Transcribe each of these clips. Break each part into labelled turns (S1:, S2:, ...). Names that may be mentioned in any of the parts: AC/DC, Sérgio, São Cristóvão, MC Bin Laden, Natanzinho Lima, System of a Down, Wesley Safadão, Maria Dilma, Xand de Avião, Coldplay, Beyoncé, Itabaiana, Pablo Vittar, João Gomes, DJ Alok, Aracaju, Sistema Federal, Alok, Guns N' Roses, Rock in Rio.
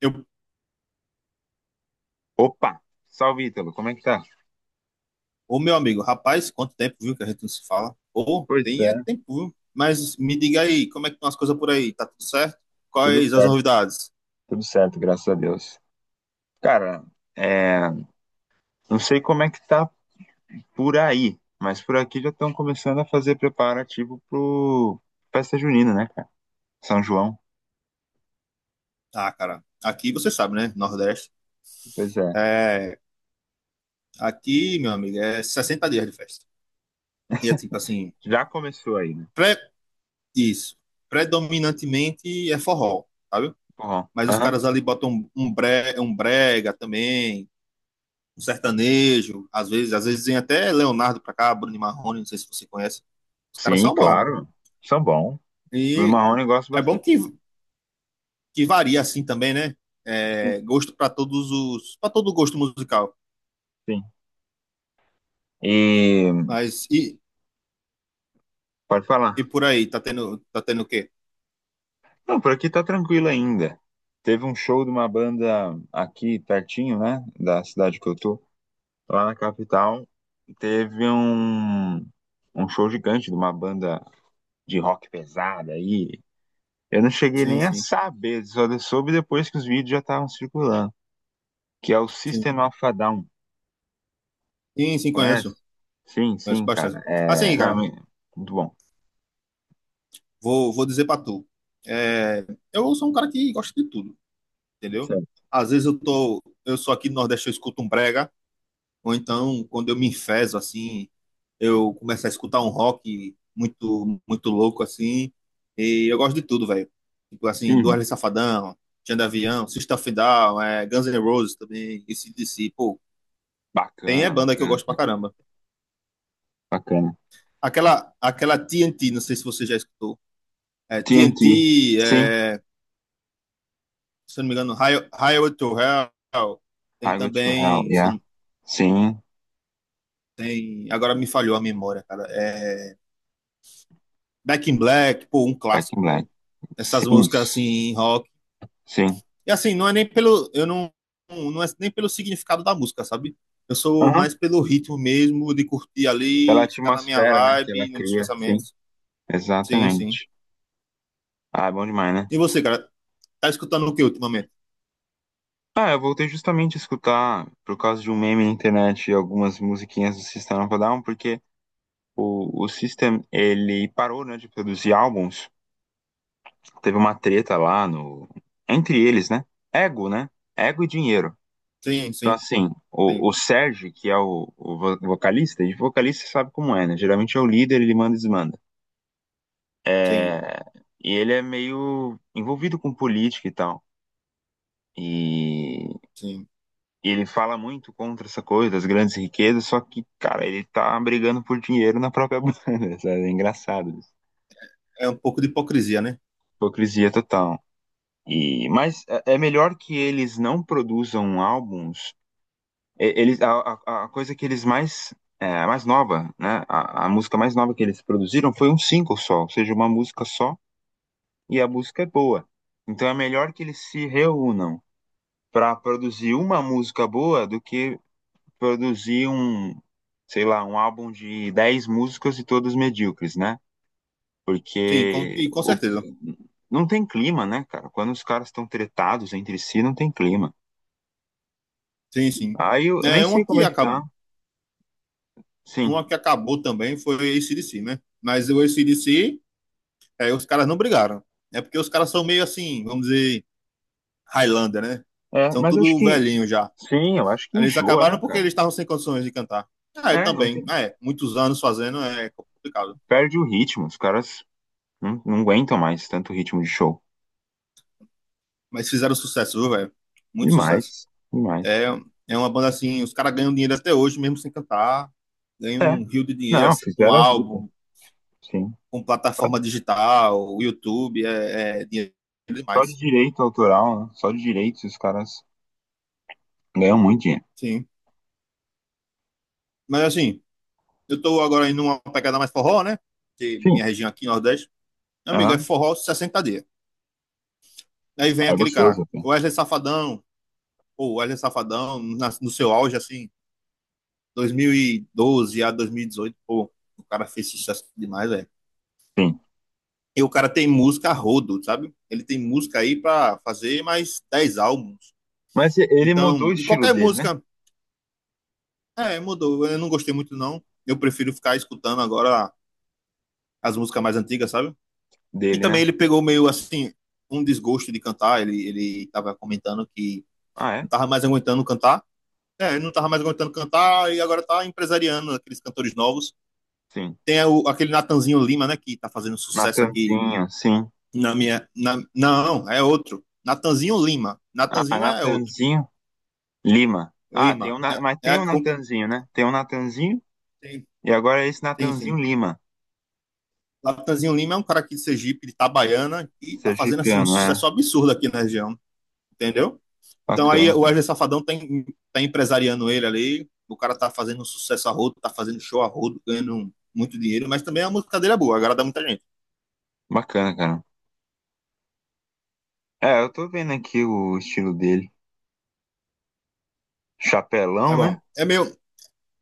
S1: Eu,
S2: Opa! Salve, Ítalo, como é que tá?
S1: ô meu amigo, rapaz, quanto tempo, viu, que a gente não se fala? Ô,
S2: Pois
S1: tem é
S2: é,
S1: tempo, viu? Mas me diga aí, como é que estão as coisas por aí? Tá tudo certo?
S2: tudo
S1: Quais as
S2: certo,
S1: novidades?
S2: tudo certo, graças a Deus. Cara, é, não sei como é que tá por aí, mas por aqui já estão começando a fazer preparativo pro festa junina, né, cara? São João.
S1: Ah, cara, aqui você sabe, né? Nordeste.
S2: Pois é.
S1: É, aqui, meu amigo, é 60 dias de festa. E é tipo assim,
S2: Já começou aí, né?
S1: pré, isso, predominantemente é forró, sabe?
S2: Forró.
S1: Mas os
S2: Aham.
S1: caras ali botam um brega também, um sertanejo, às vezes vem até Leonardo pra cá, Bruno e Marrone, não sei se você conhece. Os caras
S2: Sim,
S1: são bons.
S2: claro. São bom. Do
S1: E
S2: Marrone eu gosto
S1: é bom que,
S2: bastante.
S1: que varia assim também, né?
S2: Sim,
S1: É, gosto para todos os, para todo gosto musical.
S2: sim. E
S1: Mas e,
S2: pode falar.
S1: e por aí, tá tendo o quê?
S2: Não, por aqui tá tranquilo ainda. Teve um show de uma banda aqui pertinho, né? Da cidade que eu tô, lá na capital, teve um show gigante de uma banda de rock pesada aí. Eu não cheguei
S1: Sim,
S2: nem a
S1: sim,
S2: saber, só soube depois que os vídeos já estavam circulando, que é o
S1: sim.
S2: System of a Down,
S1: Sim, sim,
S2: conhece?
S1: conheço.
S2: Sim,
S1: Conheço
S2: sim, cara.
S1: bastante.
S2: É,
S1: Assim,
S2: não,
S1: cara,
S2: me- Muito bom.
S1: vou dizer pra tu. É, eu sou um cara que gosta de tudo, entendeu?
S2: Sério.
S1: Às vezes eu sou aqui no Nordeste, eu escuto um brega. Ou então, quando eu me enfezo, assim, eu começo a escutar um rock muito, muito louco, assim. E eu gosto de tudo, velho. Tipo assim, do
S2: Uhum.
S1: Wesley Safadão, Xand de Avião, System of a Down, é, Guns N' Roses também, AC/DC. Pô, tem é
S2: Bacana,
S1: banda que eu
S2: bacana,
S1: gosto pra
S2: cara,
S1: caramba.
S2: bacana.
S1: Aquela, aquela TNT, não sei se você já escutou. É,
S2: TNT,
S1: TNT,
S2: sim.
S1: é, se eu não me engano, Highway to Hell. Tem
S2: Highway to Hell,
S1: também, se eu
S2: yeah.
S1: não,
S2: Sim.
S1: tem, agora me falhou a memória, cara. É, Back in Black, pô, um
S2: Back in
S1: clássico,
S2: Black.
S1: velho. Essas
S2: Sim,
S1: músicas assim, rock.
S2: sim.
S1: E assim, não é nem pelo. Eu não. Não é nem pelo significado da música, sabe? Eu sou
S2: Uhum.
S1: mais pelo ritmo mesmo, de curtir
S2: Pela
S1: ali, ficar na minha
S2: atmosfera, né, que ela
S1: vibe, nos meus
S2: cria, sim.
S1: pensamentos. Sim, sim.
S2: Exatamente. Ah, é bom demais, né?
S1: E você, cara, tá escutando o que ultimamente?
S2: Ah, eu voltei justamente a escutar, por causa de um meme na internet, algumas musiquinhas do System of a Down, porque o System, ele parou, né, de produzir álbuns. Teve uma treta lá no... Entre eles, né? Ego, né? Ego e dinheiro.
S1: Sim,
S2: Então,
S1: sim,
S2: assim, o,
S1: sim,
S2: o Sérgio, que é o vocalista, e vocalista sabe como é, né? Geralmente é o líder, ele manda e desmanda.
S1: sim,
S2: É... E ele é meio envolvido com política e tal. E
S1: sim.
S2: E ele fala muito contra essa coisa das grandes riquezas, só que, cara, ele tá brigando por dinheiro na própria banda, sabe? É engraçado isso.
S1: É um pouco de hipocrisia, né?
S2: Hipocrisia total. E, mas é melhor que eles não produzam álbuns. E- Eles, a, a coisa que eles mais, mais nova, né? A música mais nova que eles produziram foi um single só, ou seja, uma música só, e a música é boa. Então é melhor que eles se reúnam para produzir uma música boa do que produzir sei lá, um álbum de 10 músicas e todas medíocres, né?
S1: Sim,
S2: Porque
S1: e com
S2: o-
S1: certeza.
S2: não tem clima, né, cara? Quando os caras estão tretados entre si, não tem clima.
S1: Sim, sim.
S2: Aí eu nem
S1: É,
S2: sei
S1: uma
S2: como
S1: que
S2: é que tá.
S1: acabou,
S2: Sim.
S1: uma que acabou também foi o AC/DC, né? Mas o AC/DC, os caras não brigaram. É porque os caras são meio assim, vamos dizer, Highlander, né?
S2: É,
S1: São
S2: mas acho
S1: tudo
S2: que.
S1: velhinho já.
S2: Sim, eu acho que
S1: Eles
S2: enjoa,
S1: acabaram
S2: né,
S1: porque
S2: cara?
S1: eles estavam sem condições de cantar. Ah, eu
S2: É, não
S1: também.
S2: tem,
S1: Ah, é, muitos anos fazendo é complicado.
S2: perde o ritmo. Os caras não aguentam mais tanto ritmo de show.
S1: Mas fizeram sucesso, viu, velho? Muito sucesso.
S2: Demais,
S1: É,
S2: demais.
S1: é uma banda assim, os caras ganham dinheiro até hoje, mesmo sem cantar. Ganham
S2: É,
S1: um rio de dinheiro,
S2: não,
S1: assim, com
S2: fizeram a vida.
S1: álbum,
S2: Sim.
S1: com
S2: Só
S1: plataforma digital, YouTube, é, é dinheiro
S2: Só de
S1: demais.
S2: direito autoral, né? Só de direitos os caras ganham muito dinheiro.
S1: Sim. Mas assim, eu tô agora indo numa pegada mais forró, né? Que
S2: Sim.
S1: minha região aqui, Nordeste. Meu amigo, é
S2: Aham.
S1: forró 60 dias. Aí vem
S2: Ah, é
S1: aquele
S2: gostoso
S1: cara,
S2: até.
S1: o Wesley Safadão, pô, o Wesley Safadão, no seu auge, assim, 2012 a 2018, pô, o cara fez sucesso demais, velho.
S2: Sim.
S1: E o cara tem música a rodo, sabe? Ele tem música aí pra fazer mais 10 álbuns.
S2: Mas ele mudou o
S1: Então, e
S2: estilo
S1: qualquer
S2: dele, né?
S1: música, é, mudou. Eu não gostei muito, não. Eu prefiro ficar escutando agora as músicas mais antigas, sabe? E
S2: Dele,
S1: também
S2: né?
S1: ele pegou meio assim, um desgosto de cantar. Ele tava comentando que
S2: Ah, é?
S1: não tava mais aguentando cantar. É, não tava mais aguentando cantar e agora tá empresariando aqueles cantores novos.
S2: Sim.
S1: Tem o- aquele Natanzinho Lima, né, que tá fazendo sucesso aqui
S2: Natanzinho, sim.
S1: não, é outro. Natanzinho Lima.
S2: Ah,
S1: Natanzinho é outro.
S2: Natanzinho Lima. Ah, tem
S1: Lima.
S2: um,
S1: É,
S2: Mas tem um
S1: é um,
S2: Natanzinho, né? Tem um Natanzinho
S1: tem,
S2: e agora é esse
S1: tem,
S2: Natanzinho
S1: sim.
S2: Lima.
S1: Natanzinho Lima é um cara aqui de Sergipe, de Itabaiana, e tá fazendo assim um
S2: Sergipiano, é.
S1: sucesso absurdo aqui na região, entendeu? Então aí o
S2: Bacana.
S1: Wesley Safadão tá, tá empresariando ele ali. O cara tá fazendo sucesso a rodo, tá fazendo show a rodo, ganhando muito dinheiro, mas também a música dele é boa, agrada muita gente.
S2: Bacana, cara. É, eu tô vendo aqui o estilo dele. Chapelão,
S1: É bom.
S2: né?
S1: É meio,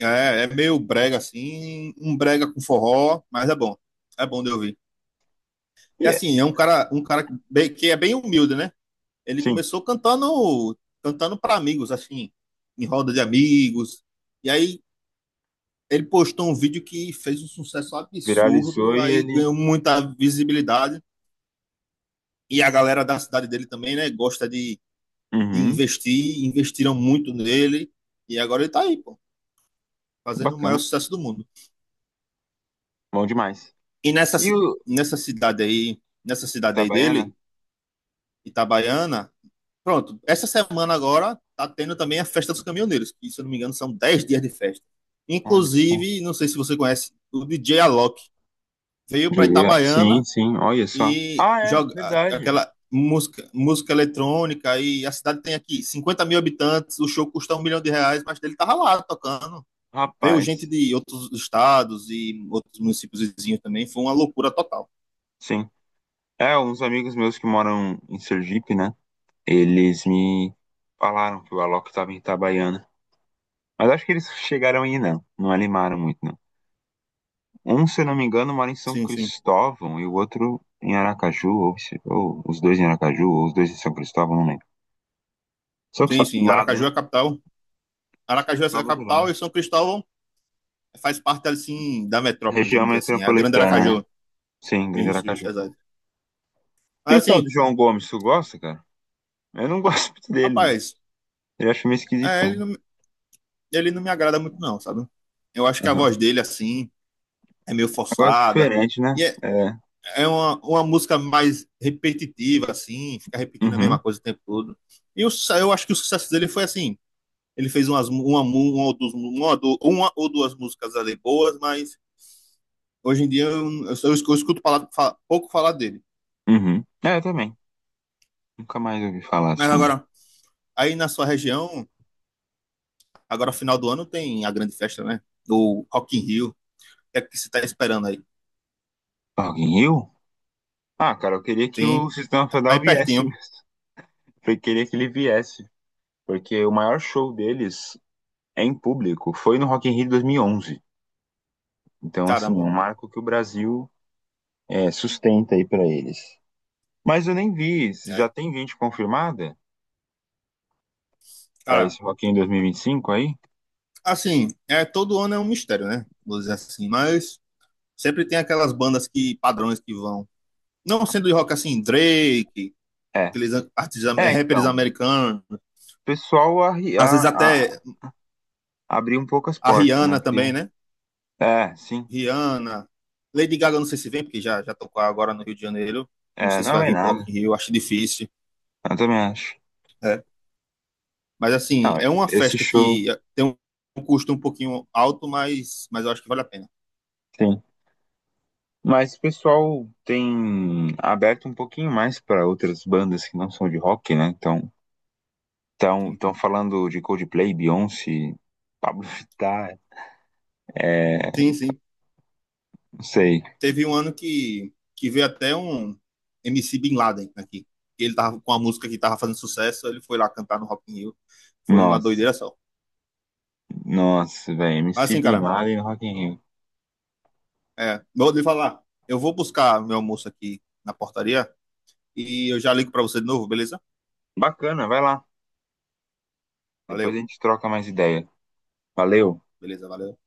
S1: é, é meio brega assim, um brega com forró, mas é bom. É bom de ouvir.
S2: E
S1: E
S2: é.
S1: assim, é um cara que é bem humilde, né? Ele
S2: Sim.
S1: começou cantando, cantando para amigos, assim, em roda de amigos. E aí ele postou um vídeo que fez um sucesso
S2: Viralizou
S1: absurdo,
S2: e
S1: aí
S2: ele.
S1: ganhou muita visibilidade. E a galera da cidade dele também, né? Gosta de
S2: Uhum.
S1: investir, investiram muito nele. E agora ele tá aí, pô, fazendo o maior
S2: Bacana.
S1: sucesso do mundo.
S2: Bom demais.
S1: E nessa,
S2: E
S1: ci-
S2: o
S1: nessa cidade aí
S2: Itabaiana?
S1: dele, Itabaiana, pronto, essa semana agora tá tendo também a Festa dos Caminhoneiros, que se eu não me engano são 10 dias de festa.
S2: Olha só.
S1: Inclusive, não sei se você conhece, o DJ Alok veio para
S2: Diria. Sim,
S1: Itabaiana
S2: sim, olha só.
S1: e
S2: Ah, é,
S1: joga
S2: verdade.
S1: aquela música, música eletrônica e a cidade tem aqui 50 mil habitantes, o show custa 1 milhão de reais, mas ele tava lá tocando. Veio gente
S2: Rapaz,
S1: de outros estados e outros municípios vizinhos também, foi uma loucura total.
S2: sim. É, uns amigos meus que moram em Sergipe, né? Eles me falaram que o Alok estava em Itabaiana. Mas acho que eles chegaram aí, não. Não animaram muito, não. Um, se eu não me engano, mora em São
S1: Sim, sim.
S2: Cristóvão e o outro em Aracaju, ou, ou os dois em Aracaju, ou os dois em São Cristóvão, não lembro. Só que só
S1: Sim,
S2: do
S1: sim.
S2: lado,
S1: Aracaju é
S2: né?
S1: a capital.
S2: São
S1: Aracaju é a
S2: Cristóvão do
S1: capital
S2: lado.
S1: e São Cristóvão faz parte, assim, da metrópole,
S2: Região
S1: vamos dizer assim. É a grande
S2: metropolitana, né?
S1: Aracaju.
S2: Sim, Grande
S1: Isso,
S2: Aracaju.
S1: exato.
S2: E o
S1: Mas,
S2: tal do
S1: assim,
S2: João Gomes, tu gosta, cara? Eu não gosto muito dele, não.
S1: rapaz,
S2: Ele acho meio
S1: é, ele
S2: esquisitão.
S1: não, ele não me agrada muito, não, sabe? Eu acho que a
S2: Aham.
S1: voz dele, assim, é meio
S2: Negócio
S1: forçada.
S2: diferente, né?
S1: E é,
S2: É.
S1: é uma música mais repetitiva, assim, fica repetindo a mesma
S2: Uhum.
S1: coisa o tempo todo. Eu acho que o sucesso dele foi assim. Ele fez uma ou duas músicas ali boas, mas hoje em dia eu escuto pouco falar dele.
S2: Uhum. É, eu também. Nunca mais ouvi falar
S1: Mas
S2: assim.
S1: agora, aí na sua região, agora final do ano tem a grande festa, né? Do Rock in Rio. O que é que você tá esperando aí?
S2: Alguém eu? Ah, cara, eu queria que o
S1: Sim,
S2: Sistema Federal
S1: aí
S2: viesse
S1: pertinho.
S2: mesmo. Eu queria que ele viesse. Porque o maior show deles é em público foi no Rock in Rio de 2011. Então, assim, é um
S1: Caramba.
S2: marco que o Brasil, sustenta aí pra eles. Mas eu nem vi. Já
S1: É.
S2: tem gente confirmada pra
S1: Cara,
S2: esse Rock in Rio 2025 aí?
S1: assim, é, todo ano é um mistério, né? Vou dizer assim, mas sempre tem aquelas bandas que, padrões que vão. Não sendo de rock assim, Drake,
S2: É.
S1: aqueles artistas, é,
S2: É,
S1: rappers
S2: então.
S1: americanos,
S2: O pessoal
S1: às vezes até
S2: abrir um pouco as
S1: a
S2: portas, né?
S1: Rihanna
S2: Porque,
S1: também, né?
S2: é, sim,
S1: Rihanna, Lady Gaga, não sei se vem, porque já, tocou agora no Rio de Janeiro. Não
S2: é,
S1: sei se
S2: não
S1: vai
S2: vai
S1: vir pro
S2: nada,
S1: Rock in Rio, acho difícil.
S2: eu também acho.
S1: É. Mas, assim,
S2: Não,
S1: é uma
S2: esse
S1: festa
S2: show,
S1: que tem um custo um pouquinho alto, mas eu acho que vale a pena.
S2: sim. Mas o pessoal tem aberto um pouquinho mais para outras bandas que não são de rock, né? Então, estão
S1: Sim,
S2: tão falando de Coldplay, Beyoncé, Pablo Vittar, é,
S1: sim. Sim.
S2: não sei.
S1: Teve um ano que veio até um MC Bin Laden aqui. Ele tava com a música que tava fazendo sucesso, ele foi lá cantar no Rock in Rio. Foi uma
S2: Nossa,
S1: doideira só.
S2: nossa, velho,
S1: Mas,
S2: MC
S1: assim,
S2: Bin
S1: cara,
S2: Laden, no Rock in Rio.
S1: é, vou lhe falar. Eu vou buscar meu almoço aqui na portaria e eu já ligo para você de novo, beleza?
S2: Bacana, vai lá. Depois a
S1: Valeu.
S2: gente troca mais ideia. Valeu.
S1: Beleza, valeu.